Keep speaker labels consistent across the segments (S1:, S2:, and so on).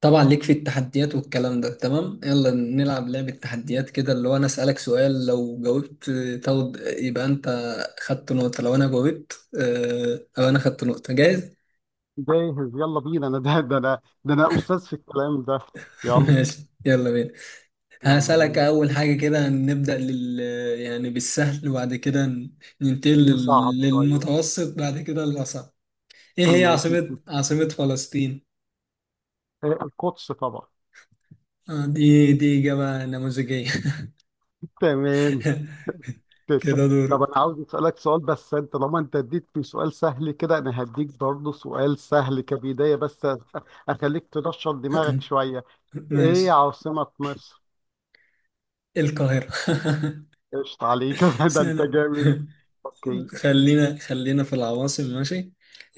S1: طبعا ليك في التحديات والكلام ده، تمام. يلا نلعب لعبة تحديات كده، اللي هو انا اسألك سؤال. لو جاوبت تاخد يبقى انت خدت نقطة، لو انا جاوبت او انا خدت نقطة. جاهز؟
S2: جاهز، يلا بينا. انا ده استاذ في الكلام ده. يلا.
S1: ماشي. يلا بينا.
S2: يلا
S1: هسألك
S2: بينا.
S1: اول حاجة كده، نبدأ يعني بالسهل، وبعد كده ننتقل
S2: نصعب شويه.
S1: للمتوسط، بعد كده للأصعب. ايه هي
S2: ما في
S1: عاصمة
S2: في
S1: فلسطين؟
S2: آه، القدس طبعا.
S1: دي إجابة نموذجية.
S2: تمام. تسلم.
S1: كده دور.
S2: طب انا عاوز اسالك سؤال، بس انت طالما انت اديتني سؤال سهل كده انا هديك برضه سؤال سهل كبدايه بس اخليك تنشط دماغك شويه. ايه
S1: ماشي.
S2: عاصمه مصر؟
S1: القاهرة.
S2: قشطة عليك ده انت
S1: سنة.
S2: جامد. اوكي.
S1: خلينا في العواصم، ماشي.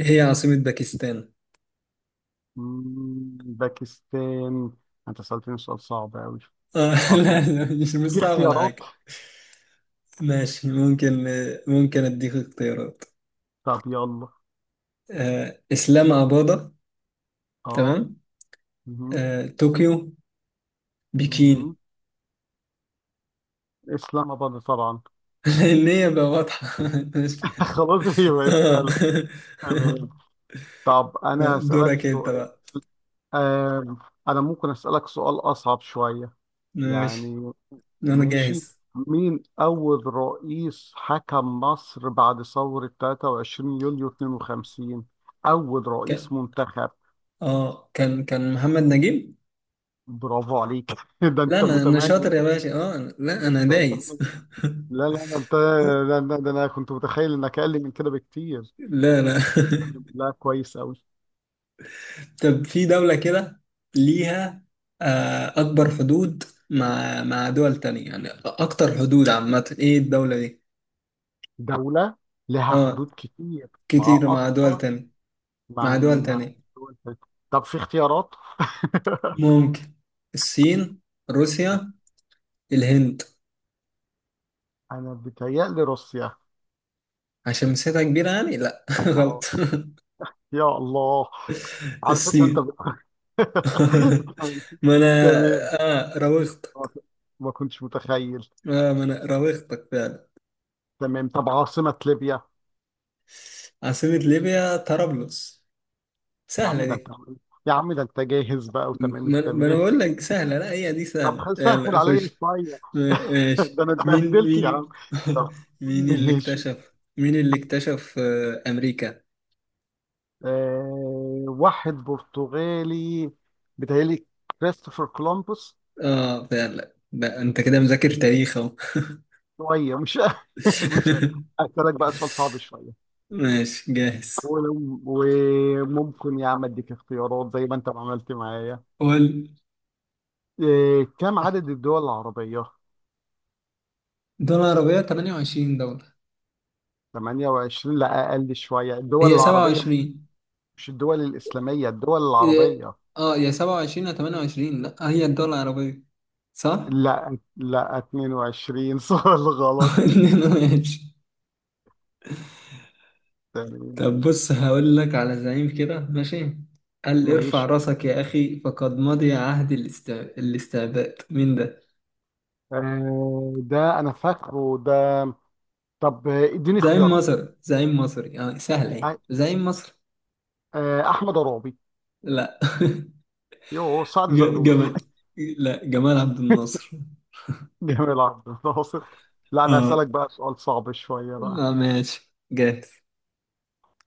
S1: إيه هي عاصمة باكستان؟
S2: باكستان. انت سالتني سؤال صعب قوي.
S1: آه. لا
S2: عاصمه.
S1: لا، مش
S2: في
S1: صعب ولا
S2: اختيارات؟
S1: حاجة. ماشي، ممكن اديك اختيارات.
S2: طب يلا.
S1: اسلام اباضة،
S2: اه.
S1: تمام.
S2: مهم.
S1: طوكيو، بكين.
S2: مهم. اسلام اباد طبعا.
S1: لان هي بقى واضحة. ماشي.
S2: خلاص هي بقت
S1: آه.
S2: سهلة. تمام. طب انا
S1: لا،
S2: هسألك
S1: دورك انت
S2: سؤال.
S1: بقى.
S2: آم، انا ممكن أسألك سؤال اصعب شوية.
S1: ماشي،
S2: يعني.
S1: انا
S2: ماشي.
S1: جاهز.
S2: مين اول رئيس حكم مصر بعد ثورة 23 يوليو 52؟ اول رئيس
S1: كان
S2: منتخب.
S1: اه كان كان محمد نجيب.
S2: برافو عليك ده
S1: لا،
S2: انت
S1: انا
S2: متميز.
S1: شاطر يا باشا. اه لا انا
S2: ده انت
S1: دايس.
S2: متميز. لا لا، ده انت. لا لا، ده انا كنت متخيل انك اقل من كده بكتير.
S1: لا انا.
S2: لا، كويس أوي.
S1: طب في دولة كده ليها اكبر حدود مع دول تانية، يعني اكتر حدود عامة. ايه الدولة دي؟
S2: دولة. لها
S1: اه،
S2: حدود كتير. مع
S1: كتير مع دول
S2: أكتر.
S1: تانية،
S2: مع
S1: مع دول
S2: مع
S1: تانية.
S2: دول تانية. طب في اختيارات.
S1: ممكن. الصين، روسيا، الهند.
S2: أنا بتهيألي روسيا.
S1: عشان مساحتها كبيرة يعني. لا. غلط.
S2: أو- يا الله. على فكرة أنت
S1: الصين.
S2: بت...
S1: ما انا،
S2: تمام.
S1: اه راوغت.
S2: ما كنتش متخيل.
S1: اه ما انا راوغتك فعلا.
S2: تمام. طب عاصمة ليبيا.
S1: عاصمة ليبيا طرابلس،
S2: يا
S1: سهلة
S2: عم ده أنت
S1: دي.
S2: يا عم ده أنت جاهز بقى وتمام
S1: ما انا
S2: التمام.
S1: بقول لك سهلة، لا هي دي
S2: طب
S1: سهلة.
S2: سهل
S1: يلا
S2: عليا
S1: خش.
S2: شوية.
S1: ماشي.
S2: ده أنا
S1: مين
S2: اتبهدلت يا عم.
S1: مين
S2: طب. ماشي.
S1: مين اللي اكتشف امريكا؟
S2: واحد برتغالي بيتهيألي، كريستوفر كولومبوس.
S1: اه، فعلا بقى انت كده مذاكر تاريخ اهو.
S2: شوية مش مش. أسألك بقى سؤال صعب شوية.
S1: ماشي جاهز.
S2: وممكن يا عم أديك اختيارات زي ما أنت ما عملت معايا.
S1: قول.
S2: كم عدد الدول العربية؟
S1: دول عربية 28 دولة،
S2: 28، لا أقل شوية. الدول
S1: هي
S2: العربية
S1: 27.
S2: مش الدول الإسلامية، الدول
S1: إيه،
S2: العربية.
S1: اه، يا 27 يا 28. لا، هي الدول العربية، صح؟
S2: لا لا، 22 سؤال غلط.
S1: ماشي.
S2: تمام.
S1: طب بص، هقول لك على زعيم كده، ماشي. قال: ارفع
S2: ماشي.
S1: راسك يا أخي فقد مضي عهد الاستعباد. مين ده؟
S2: ده أنا فاكره ده. طب اديني
S1: زعيم
S2: اختيارات.
S1: مصر، زعيم مصري. اه سهل، ايه
S2: آه،
S1: زعيم مصر.
S2: احمد عرابي.
S1: لا.
S2: يوه، سعد زغلول.
S1: جمال. لا، جمال عبد الناصر.
S2: جميل عبد الناصر. لا، انا هسألك
S1: اه،
S2: بقى سؤال صعب شوية بقى.
S1: اه، ماشي جاهز.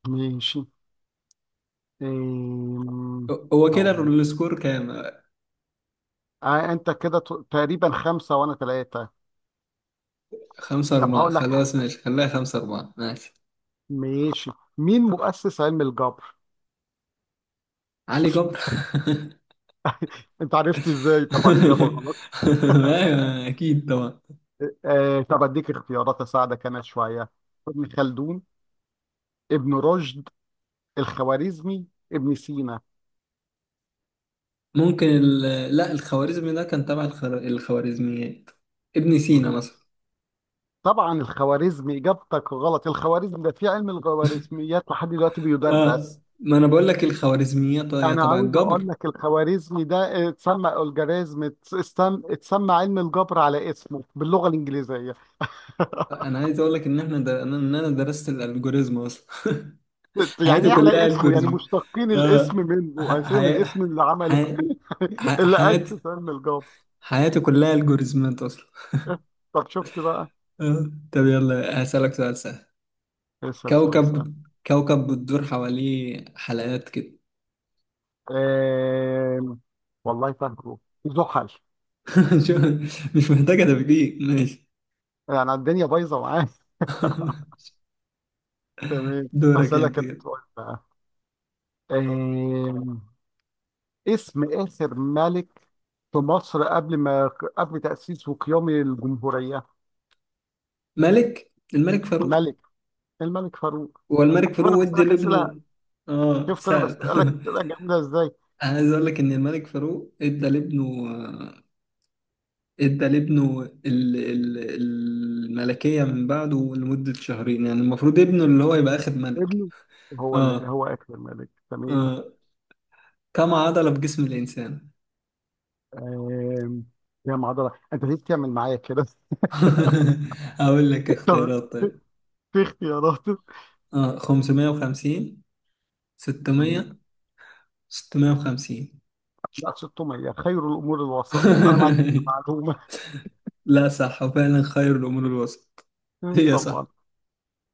S2: ماشي. آم،
S1: هو كده
S2: هقول لك.
S1: السكور كام؟
S2: انت كده تقريبا خمسة وانا ثلاثة.
S1: خمسة
S2: طب
S1: أربعة
S2: هقول لك.
S1: خلاص ماشي، خليها 5-4. ماشي.
S2: ماشي. مين مؤسس علم الجبر؟
S1: علي جبر.
S2: انت عرفت ازاي؟ طبعا اجابة غلط.
S1: ايوه اكيد طبعا.
S2: طب اديك اختيارات، اساعدك انا شوية. ابن خلدون. ابن رشد. الخوارزمي. ابن سينا.
S1: ممكن لا، الخوارزمي ده كان تبع الخوارزميات. ابن سينا مثلا.
S2: طبعا الخوارزمي اجابتك غلط. الخوارزمي ده في علم الخوارزميات لحد دلوقتي
S1: اه،
S2: بيدرس.
S1: ما انا بقول لك الخوارزميات هي
S2: انا
S1: تبع
S2: عاوز
S1: الجبر.
S2: اقول لك الخوارزمي ده اتسمى الجوريزم، اتسمى علم الجبر على اسمه باللغه الانجليزيه.
S1: انا عايز اقول لك ان انا درست الالجوريزم اصلا.
S2: يعني
S1: حياتي
S2: ايه
S1: كلها
S2: على اسمه؟ يعني
S1: الجوريزم.
S2: مشتقين الاسم
S1: اه
S2: منه
S1: ح...
S2: اساسا من
S1: حي...
S2: اسم اللي عمل
S1: حي... ح...
S2: اللي
S1: حياتي
S2: اسس علم الجبر.
S1: حياتي كلها الجوريزمات اصلا.
S2: طب شفت بقى.
S1: اه، طب يلا، هسألك سؤال سهل.
S2: اسال سؤال سهل.
S1: كوكب، بتدور حواليه حلقات كده.
S2: آم، والله فاكره. زحل.
S1: شو- مش محتاجة تفكير، ماشي.
S2: يعني الدنيا بايظه معايا. تمام.
S1: دورك
S2: اسالك
S1: انت
S2: انا
S1: كده.
S2: سؤال. آه، اسم آخر ملك في مصر قبل ما قبل تأسيس وقيام الجمهورية.
S1: الملك فاروق.
S2: ملك الملك فاروق.
S1: هو الملك
S2: شوف أنا
S1: فاروق ادى
S2: بسألك أسئلة.
S1: لابنه، اه
S2: شفت أنا
S1: سهل.
S2: بسألك أسئلة جامدة إزاي.
S1: انا عايز اقول لك ان الملك فاروق ادى لابنه الملكية من بعده لمدة شهرين، يعني المفروض ابنه اللي هو يبقى اخد ملك.
S2: ابنه. هو اللي
S1: اه،
S2: هو آخر ملك. تمام.
S1: اه، كم عضلة في جسم الانسان؟
S2: آم، يا معضلة أنت ليه بتعمل معايا كده؟
S1: اقول لك
S2: طب
S1: اختيارات،
S2: في
S1: طيب.
S2: في اختيارات.
S1: اه 550، 600، 650.
S2: لا، 600 خير الأمور الوسط. أنا ما عنديش معلومة.
S1: لا صح، وفعلا خير الأمور الوسط. هي
S2: طبعا.
S1: صح.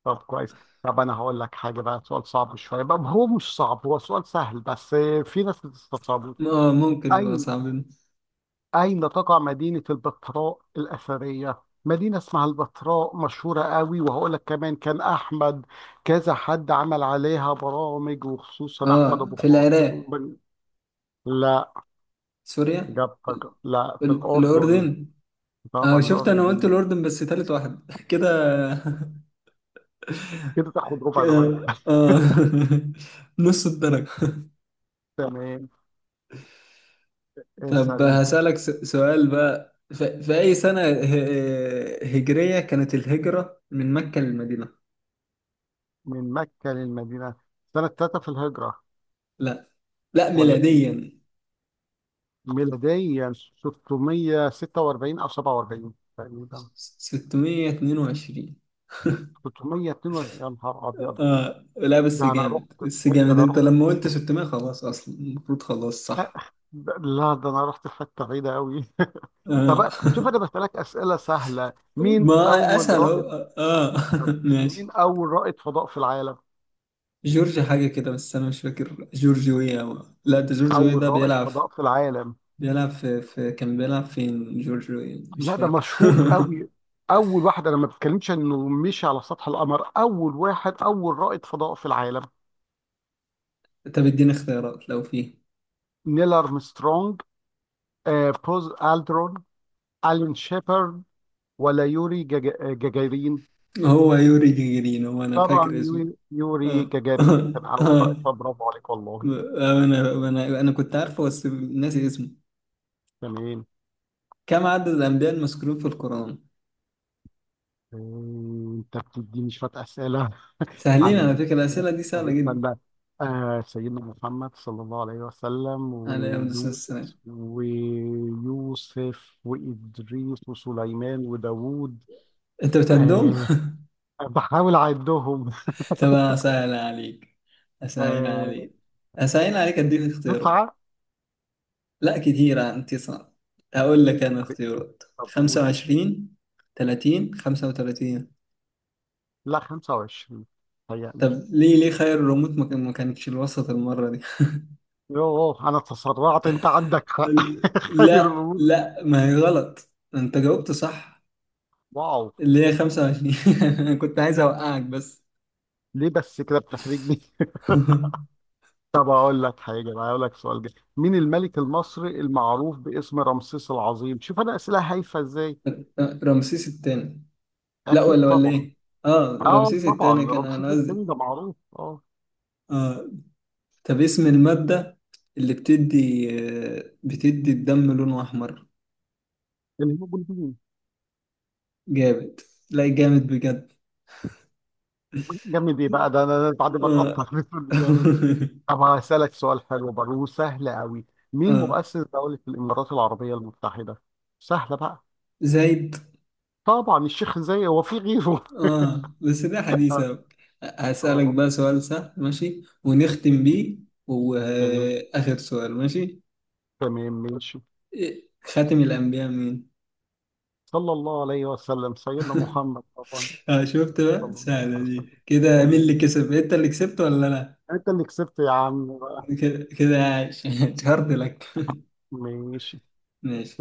S2: طب كويس. طب انا هقول لك حاجه بقى. سؤال صعب شويه بقى، هو مش صعب، هو سؤال سهل بس في ناس بتستصعبه.
S1: اه، ممكن يبقى
S2: اين.
S1: صعبين.
S2: اين تقع مدينه البتراء الاثريه؟ مدينه اسمها البتراء مشهوره قوي، وهقول لك كمان، كان احمد، كذا حد عمل عليها برامج وخصوصا احمد
S1: اه،
S2: ابو
S1: في
S2: خاطر
S1: العراق،
S2: لا
S1: سوريا.
S2: اجابتك.
S1: ال-
S2: لا، في الاردن.
S1: الأردن. اه
S2: طبعا
S1: شفت، انا قلت
S2: الاردن.
S1: الأردن بس تالت واحد. كده
S2: كده تاخد ربع درجه.
S1: كده. اه. نص الدرجة.
S2: تمام.
S1: طب
S2: اسال انت.
S1: هسألك سؤال بقى. في أي سنة هجرية كانت الهجرة من مكة للمدينة؟
S2: من مكه للمدينه. سنه 3 في الهجره؟
S1: لا، لا
S2: ولا
S1: ميلاديا.
S2: ميلاديا؟ 646 او 47 تقريبا.
S1: 622.
S2: 642 يا نهار ابيض.
S1: اه، لا بس
S2: ده انا
S1: جامد،
S2: رحت
S1: بس
S2: ده
S1: جامد
S2: انا
S1: انت
S2: رحت
S1: لما قلت 600. خلاص، اصلا المفروض خلاص صح.
S2: ده- لا، ده انا رحت في حته بعيده قوي.
S1: اه.
S2: طب شوف انا بسالك اسئله سهله.
S1: ما اسهل اهو. اه.
S2: مين
S1: ماشي.
S2: اول رائد فضاء في العالم؟
S1: جورج حاجه كده، بس انا مش فاكر. جورج ويا لا، ده جورج ويا
S2: اول
S1: ده
S2: رائد
S1: بيلعب.
S2: فضاء في العالم.
S1: بيلعب في, في كان بيلعب فين جورج ويا، مش
S2: لا ده
S1: فاكر.
S2: مشهور قوي. اول واحد انا ما بتكلمش انه مشي على سطح القمر. اول رائد فضاء في العالم.
S1: طب اديني اختيارات لو فيه.
S2: نيل ارمسترونج. آه، بوز الدرون. ألين شيبرد. ولا يوري جاجارين.
S1: هو يوري جيجرين، هو انا
S2: طبعا
S1: فاكر اسمه.
S2: يوري
S1: اه.
S2: جاجارين
S1: اه.
S2: كان أول رئيس.
S1: آه.
S2: برافو عليك والله.
S1: انا كنت عارفه بس ناسي اسمه.
S2: تمام.
S1: كم عدد الأنبياء المذكورين في القرآن؟
S2: آه، أنت بتديني شوية أسئلة.
S1: سهلين،
S2: عدد
S1: على فكرة
S2: الأنبياء.
S1: الأسئلة دي
S2: طب
S1: سهلة جدا.
S2: استنى. سيدنا محمد صلى الله عليه وسلم،
S1: عليه أفضل الصلاة والسلام.
S2: ويونس ويوسف وإدريس وسليمان وداوود.
S1: أنت بتهدم؟
S2: آه بحاول أعدهم.
S1: طب أسهل عليك، أسهل
S2: آه
S1: عليك أديك اختيارات.
S2: تسعة.
S1: لا كتيرة، أنت صعب. أقول لك أنا اختيارات:
S2: طب
S1: خمسة
S2: قول.
S1: وعشرين 30، 35.
S2: لا، 25. هيأ.
S1: طب ليه، خير الريموت ما كانتش الوسط المرة دي؟
S2: يوه، انا تسرعت، انت عندك حق. خير
S1: لا
S2: الامور.
S1: لا، ما هي غلط. أنت جاوبت صح،
S2: واو.
S1: اللي هي 25. أنا كنت عايز أوقعك بس.
S2: ليه بس كده بتحرجني؟ طب اقول لك حاجه بقى. اقول لك سؤال جاي. مين الملك المصري المعروف باسم رمسيس العظيم؟ شوف انا اسئله هايفه ازاي.
S1: رمسيس الثاني. لا،
S2: اكيد
S1: ولا
S2: طبعا.
S1: ايه. اه
S2: اه
S1: رمسيس
S2: طبعا
S1: الثاني كان انا
S2: رمسيس
S1: قصدي.
S2: الثاني ده معروف. اه.
S1: اه. طب اسم المادة اللي بتدي الدم لونه احمر؟
S2: الهيروغليفيين.
S1: جامد. لا جامد بجد.
S2: جامد ايه بقى؟ ده انا بعد ما اتقطع
S1: اه.
S2: بيقول لي جامد. طب هسالك سؤال حلو برضه وسهل قوي. مين
S1: اه،
S2: مؤسس دوله الامارات العربيه المتحده؟ سهله بقى.
S1: زايد.
S2: طبعا الشيخ زايد، هو في غيره؟
S1: اه بس ده حديث أوي. هسألك
S2: اه.
S1: بقى سؤال سهل ماشي، ونختم بيه.
S2: تمام.
S1: وآخر سؤال، ماشي.
S2: تمام ماشي.
S1: إيه، خاتم الأنبياء مين؟
S2: صلى الله عليه وسلم سيدنا محمد طبعا.
S1: اه شفت بقى،
S2: صلى الله
S1: سهلة
S2: عليه
S1: دي
S2: وسلم.
S1: كده. مين اللي
S2: تمام.
S1: كسب؟ أنت اللي كسبت ولا أنا؟
S2: انت اللي كسبت يا عم بقى.
S1: كده كده عايش. اتشهرت لك.
S2: ماشي.
S1: ماشي.